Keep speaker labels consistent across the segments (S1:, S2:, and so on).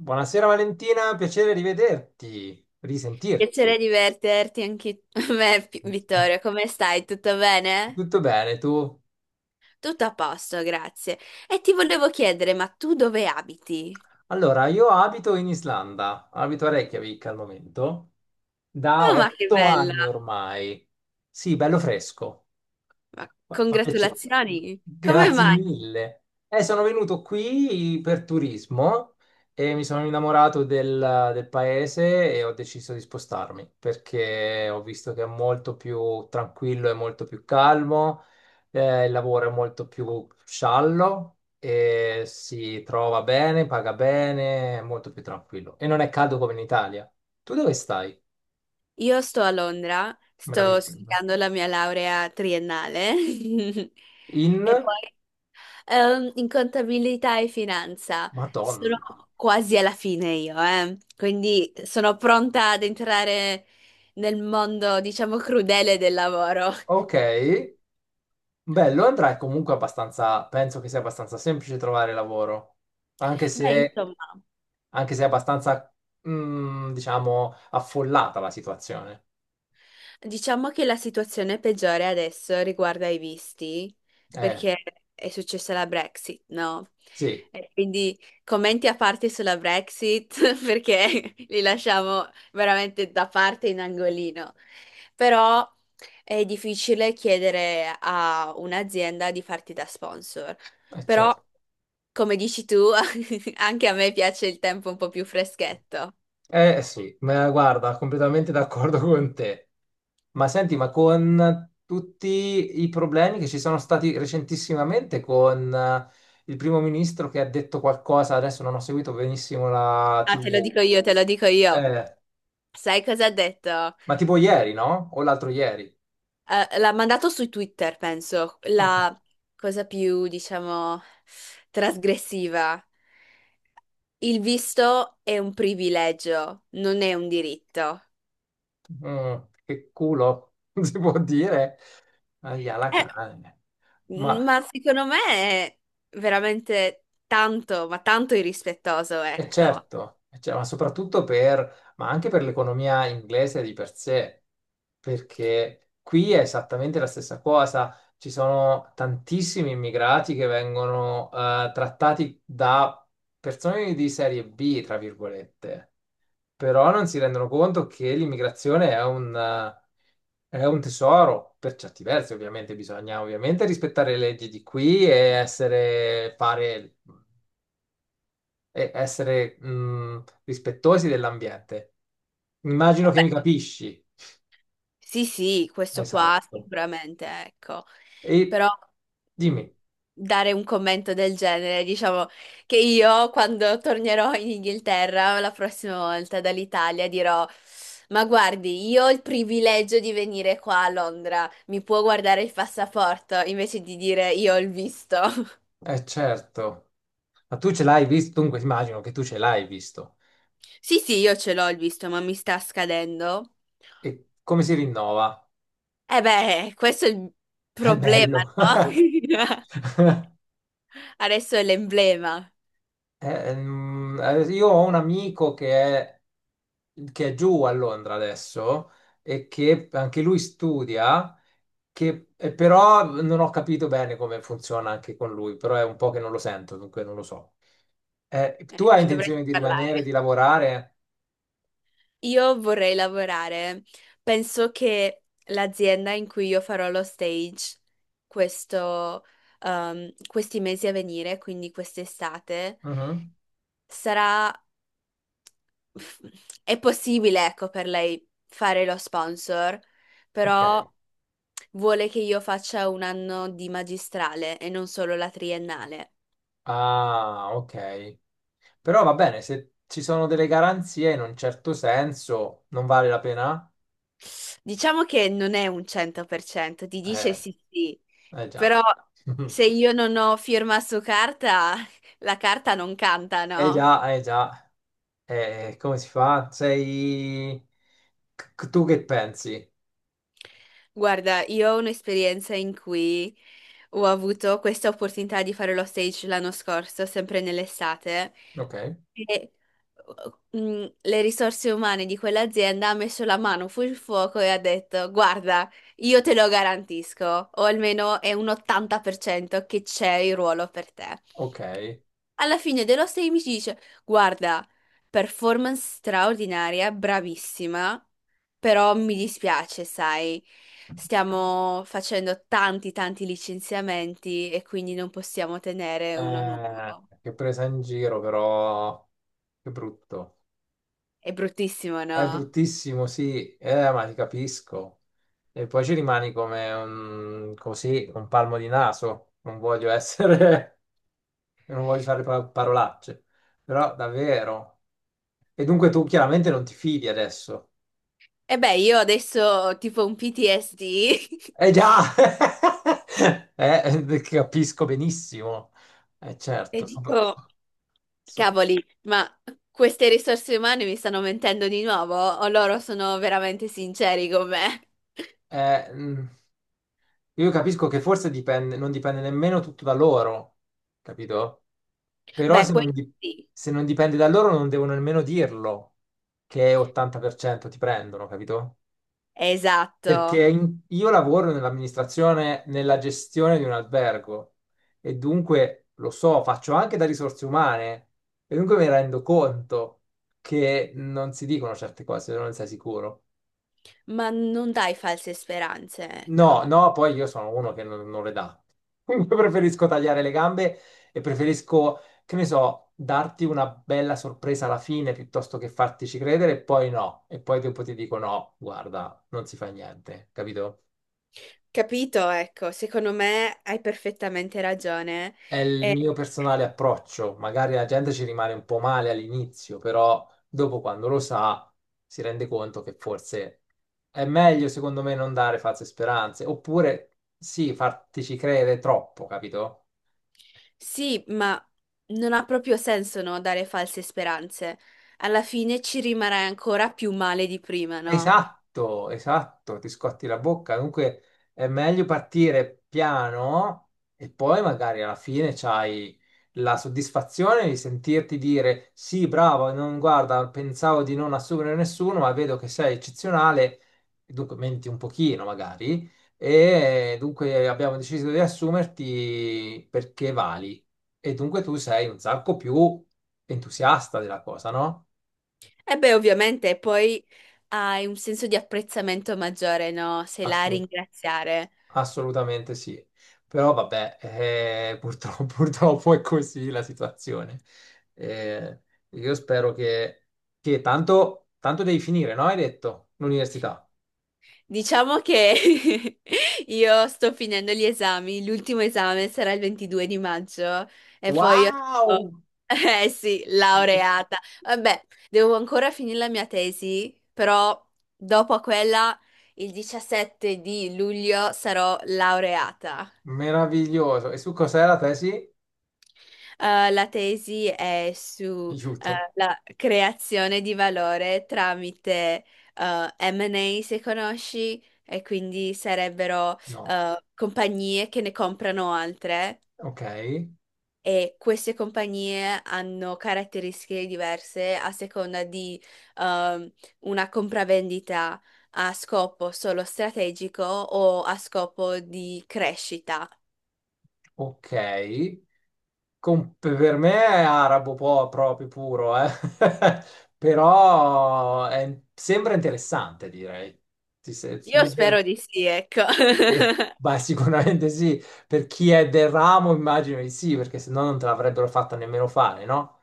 S1: Buonasera Valentina, piacere rivederti,
S2: Piacere
S1: risentirti.
S2: divertirti anche a me, Pi- Vittorio. Come stai? Tutto bene?
S1: Tutto bene, tu?
S2: Tutto a posto, grazie. E ti volevo chiedere, ma tu dove abiti?
S1: Allora, io abito in Islanda, abito a Reykjavik al momento, da
S2: Oh, ma che
S1: otto
S2: bella!
S1: anni ormai. Sì, bello fresco.
S2: Ma
S1: Fa piacere.
S2: congratulazioni! Come
S1: Grazie
S2: mai?
S1: mille. Sono venuto qui per turismo e mi sono innamorato del paese e ho deciso di spostarmi perché ho visto che è molto più tranquillo e molto più calmo, il lavoro è molto più sciallo e si trova bene, paga bene, è molto più tranquillo e non è caldo come in Italia. Tu dove stai?
S2: Io sto a Londra, sto
S1: Meraviglioso.
S2: studiando la mia laurea triennale
S1: In
S2: e poi in contabilità e finanza sono
S1: Madonna.
S2: quasi alla fine io, eh. Quindi sono pronta ad entrare nel mondo, diciamo, crudele del lavoro.
S1: Ok. Beh, Londra è comunque abbastanza, penso che sia abbastanza semplice trovare lavoro, anche
S2: Beh,
S1: se,
S2: insomma.
S1: anche se è abbastanza, diciamo, affollata la situazione.
S2: Diciamo che la situazione peggiore adesso riguarda i visti,
S1: Eh,
S2: perché è successa la Brexit, no?
S1: sì,
S2: E quindi commenti a parte sulla Brexit, perché li lasciamo veramente da parte in angolino. Però è difficile chiedere a un'azienda di farti da sponsor.
S1: è
S2: Però,
S1: certo.
S2: come dici tu, anche a me piace il tempo un po' più freschetto.
S1: Eh sì, ma guarda, completamente d'accordo con te. Ma senti, ma con tutti i problemi che ci sono stati recentissimamente con il primo ministro che ha detto qualcosa, adesso non ho seguito benissimo la
S2: Ah, te lo
S1: TV,
S2: dico io, te lo dico io.
S1: eh,
S2: Sai cosa ha detto?
S1: ma tipo ieri, no? O l'altro ieri.
S2: L'ha mandato su Twitter, penso,
S1: Ok.
S2: la cosa più, diciamo, trasgressiva. Il visto è un privilegio, non è un diritto.
S1: Mm, che culo, si può dire, ahia la
S2: Eh,
S1: cane. Ma
S2: Ma secondo me è veramente tanto, ma tanto irrispettoso,
S1: è
S2: ecco.
S1: certo, e cioè, ma soprattutto per, ma anche per l'economia inglese di per sé, perché qui è esattamente la stessa cosa. Ci sono tantissimi immigrati che vengono trattati da persone di serie B, tra virgolette. Però non si rendono conto che l'immigrazione è è un tesoro, per certi versi ovviamente bisogna ovviamente rispettare le leggi di qui e essere, fare, e essere rispettosi dell'ambiente. Immagino che mi capisci.
S2: Sì, sì, questo qua
S1: Esatto.
S2: sicuramente, ecco.
S1: E
S2: Però mh,
S1: dimmi,
S2: dare un commento del genere, diciamo che io quando tornerò in Inghilterra la prossima volta dall'Italia dirò, ma guardi, io ho il privilegio di venire qua a Londra, mi può guardare il passaporto invece di dire io ho il visto.
S1: eh certo, ma tu ce l'hai visto? Dunque immagino che tu ce l'hai visto.
S2: Sì, sì, io ce l'ho il visto, ma mi sta scadendo.
S1: E come si rinnova?
S2: E beh, questo è il
S1: È
S2: problema,
S1: bello.
S2: no? Adesso è l'emblema.
S1: Io ho un amico è, che è giù a Londra adesso e che anche lui studia, però non ho capito bene come funziona anche con lui, però è un po' che non lo sento, dunque non lo so. Tu hai
S2: Ci dovrei
S1: intenzione di rimanere, di
S2: parlare.
S1: lavorare?
S2: Io vorrei lavorare. Penso che l'azienda in cui io farò lo stage questo, questi mesi a venire, quindi quest'estate,
S1: Mhm.
S2: sarà... È possibile, ecco, per lei fare lo sponsor,
S1: Ok.
S2: però vuole che io faccia un anno di magistrale e non solo la triennale.
S1: Ah, ok. Però va bene, se ci sono delle garanzie in un certo senso, non vale la pena?
S2: Diciamo che non è un 100%, ti dice
S1: Eh,
S2: sì sì,
S1: eh già.
S2: però se io non ho firma su carta, la carta non canta,
S1: Eh
S2: no?
S1: già, eh già. Come si fa? Sei... Tu che pensi?
S2: Guarda, io ho un'esperienza in cui ho avuto questa opportunità di fare lo stage l'anno scorso, sempre nell'estate,
S1: Ok,
S2: e le risorse umane di quell'azienda ha messo la mano sul fuoco e ha detto: Guarda, io te lo garantisco, o almeno è un 80% che c'è il ruolo per te.
S1: ok.
S2: Alla fine dello stay mi dice: Guarda, performance straordinaria, bravissima, però mi dispiace, sai, stiamo facendo tanti, tanti licenziamenti e quindi non possiamo tenere uno nuovo.
S1: Che presa in giro, però... Che brutto.
S2: È bruttissimo,
S1: È
S2: no?
S1: bruttissimo, sì. Ma ti capisco. E poi ci rimani come un... così, un palmo di naso. Non voglio essere... Non voglio usare parolacce. Però, davvero. E dunque tu chiaramente non ti fidi adesso.
S2: E beh, io adesso ho tipo un PTSD
S1: Eh già, capisco benissimo,
S2: e
S1: certo.
S2: dico:
S1: So-
S2: Cavoli, ma queste risorse umane mi stanno mentendo di nuovo o loro sono veramente sinceri con me?
S1: eh, mm, io capisco che forse dipende, non dipende nemmeno tutto da loro, capito? Però
S2: Beh, questo sì.
S1: se non dipende da loro non devono nemmeno dirlo che 80% ti prendono, capito?
S2: Esatto,
S1: Perché io lavoro nell'amministrazione, nella gestione di un albergo e dunque lo so, faccio anche da risorse umane e dunque mi rendo conto che non si dicono certe cose se non ne sei sicuro.
S2: ma non dai false speranze,
S1: No,
S2: ecco.
S1: no, poi io sono uno che non le dà. Dunque preferisco tagliare le gambe e preferisco, che ne so, darti una bella sorpresa alla fine piuttosto che fartici credere e poi no. E poi dopo ti dico no, guarda, non si fa niente, capito?
S2: Capito? Ecco, secondo me hai perfettamente ragione.
S1: È il
S2: Eh,
S1: mio personale approccio. Magari la gente ci rimane un po' male all'inizio, però dopo quando lo sa si rende conto che forse è meglio, secondo me, non dare false speranze. Oppure sì, fartici credere troppo, capito?
S2: sì, ma non ha proprio senso, no, dare false speranze. Alla fine ci rimarrai ancora più male di prima, no?
S1: Esatto, esatto, ti scotti la bocca. Dunque è meglio partire piano e poi magari alla fine c'hai la soddisfazione di sentirti dire sì, bravo, non, guarda, pensavo di non assumere nessuno, ma vedo che sei eccezionale, dunque menti un pochino magari, e dunque abbiamo deciso di assumerti perché vali. E dunque tu sei un sacco più entusiasta della cosa, no?
S2: E beh, ovviamente poi hai un senso di apprezzamento maggiore, no? Sei là a
S1: Assolutamente.
S2: ringraziare.
S1: Assolutamente sì, però vabbè, purtroppo, purtroppo è così la situazione. Eh, io spero che, che tanto, tanto devi finire, no? Hai detto l'università.
S2: Diciamo che io sto finendo gli esami, l'ultimo esame sarà il 22 di maggio e poi io sarò-
S1: Wow!
S2: eh sì, laureata. Vabbè, devo ancora finire la mia tesi, però dopo quella, il 17 di luglio, sarò laureata.
S1: Meraviglioso. E su cos'è la tesi?
S2: La tesi è su
S1: Aiuto.
S2: la creazione di valore tramite M&A, se conosci, e quindi sarebbero
S1: No.
S2: compagnie che ne comprano altre
S1: Ok.
S2: e queste compagnie hanno caratteristiche diverse a seconda di ehm, una compravendita a scopo solo strategico o a scopo di crescita.
S1: Ok. Per me è arabo proprio puro, eh. Però sembra interessante, direi. Ti se-
S2: Io
S1: Mi sembra
S2: spero di sì, ecco.
S1: beh, sicuramente sì. Per chi è del ramo, immagino di sì, perché se no non te l'avrebbero fatta nemmeno fare, no?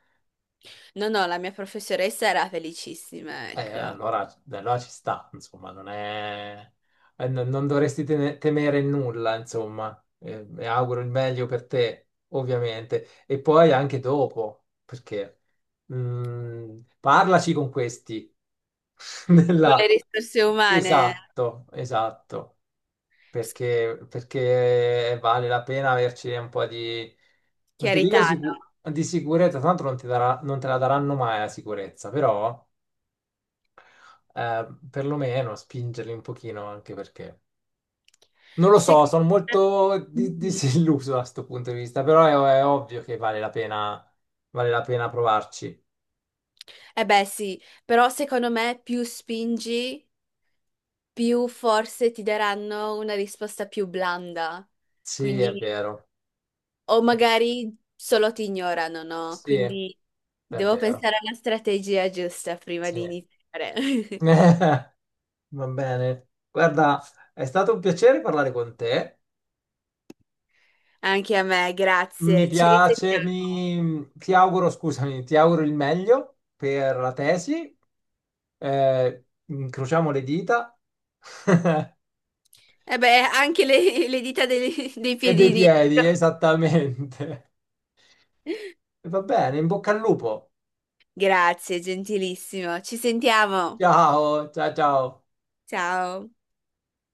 S2: No, no, la mia professoressa era felicissima, ecco. Con
S1: Allora, allora ci sta, insomma, non è... non dovresti temere nulla, insomma. E auguro il meglio per te, ovviamente. E poi anche dopo, perché parlaci con questi.
S2: le
S1: Nella-
S2: risorse umane,
S1: esatto, esatto.
S2: s-
S1: Perché, perché vale la pena averci un po' di... Non ti dico
S2: chiarità, no?
S1: di sicurezza, tanto non ti darà- non te la daranno mai la sicurezza, però perlomeno spingerli un pochino anche perché non lo so,
S2: Secondo
S1: sono molto
S2: me...
S1: disilluso da questo punto di vista, però è ovvio che vale la pena provarci.
S2: Eh beh, sì, però secondo me più spingi, più forse ti daranno una risposta più blanda.
S1: Sì, è
S2: Quindi,
S1: vero.
S2: o magari solo ti ignorano, no?
S1: Sì, è
S2: Quindi devo
S1: vero.
S2: pensare alla strategia giusta prima
S1: Sì.
S2: di iniziare.
S1: Va bene. Guarda, è stato un piacere parlare con te.
S2: Anche a me,
S1: Mi
S2: grazie. Ci
S1: piace,
S2: risentiamo.
S1: ti auguro, scusami, ti auguro il meglio per la tesi. Eh, incrociamo le dita.
S2: E beh, anche le dita dei, dei
S1: E dei
S2: piedini.
S1: piedi, esattamente. E va bene, in bocca al lupo.
S2: Grazie, gentilissimo. Ci sentiamo.
S1: Ciao, ciao, ciao.
S2: Ciao.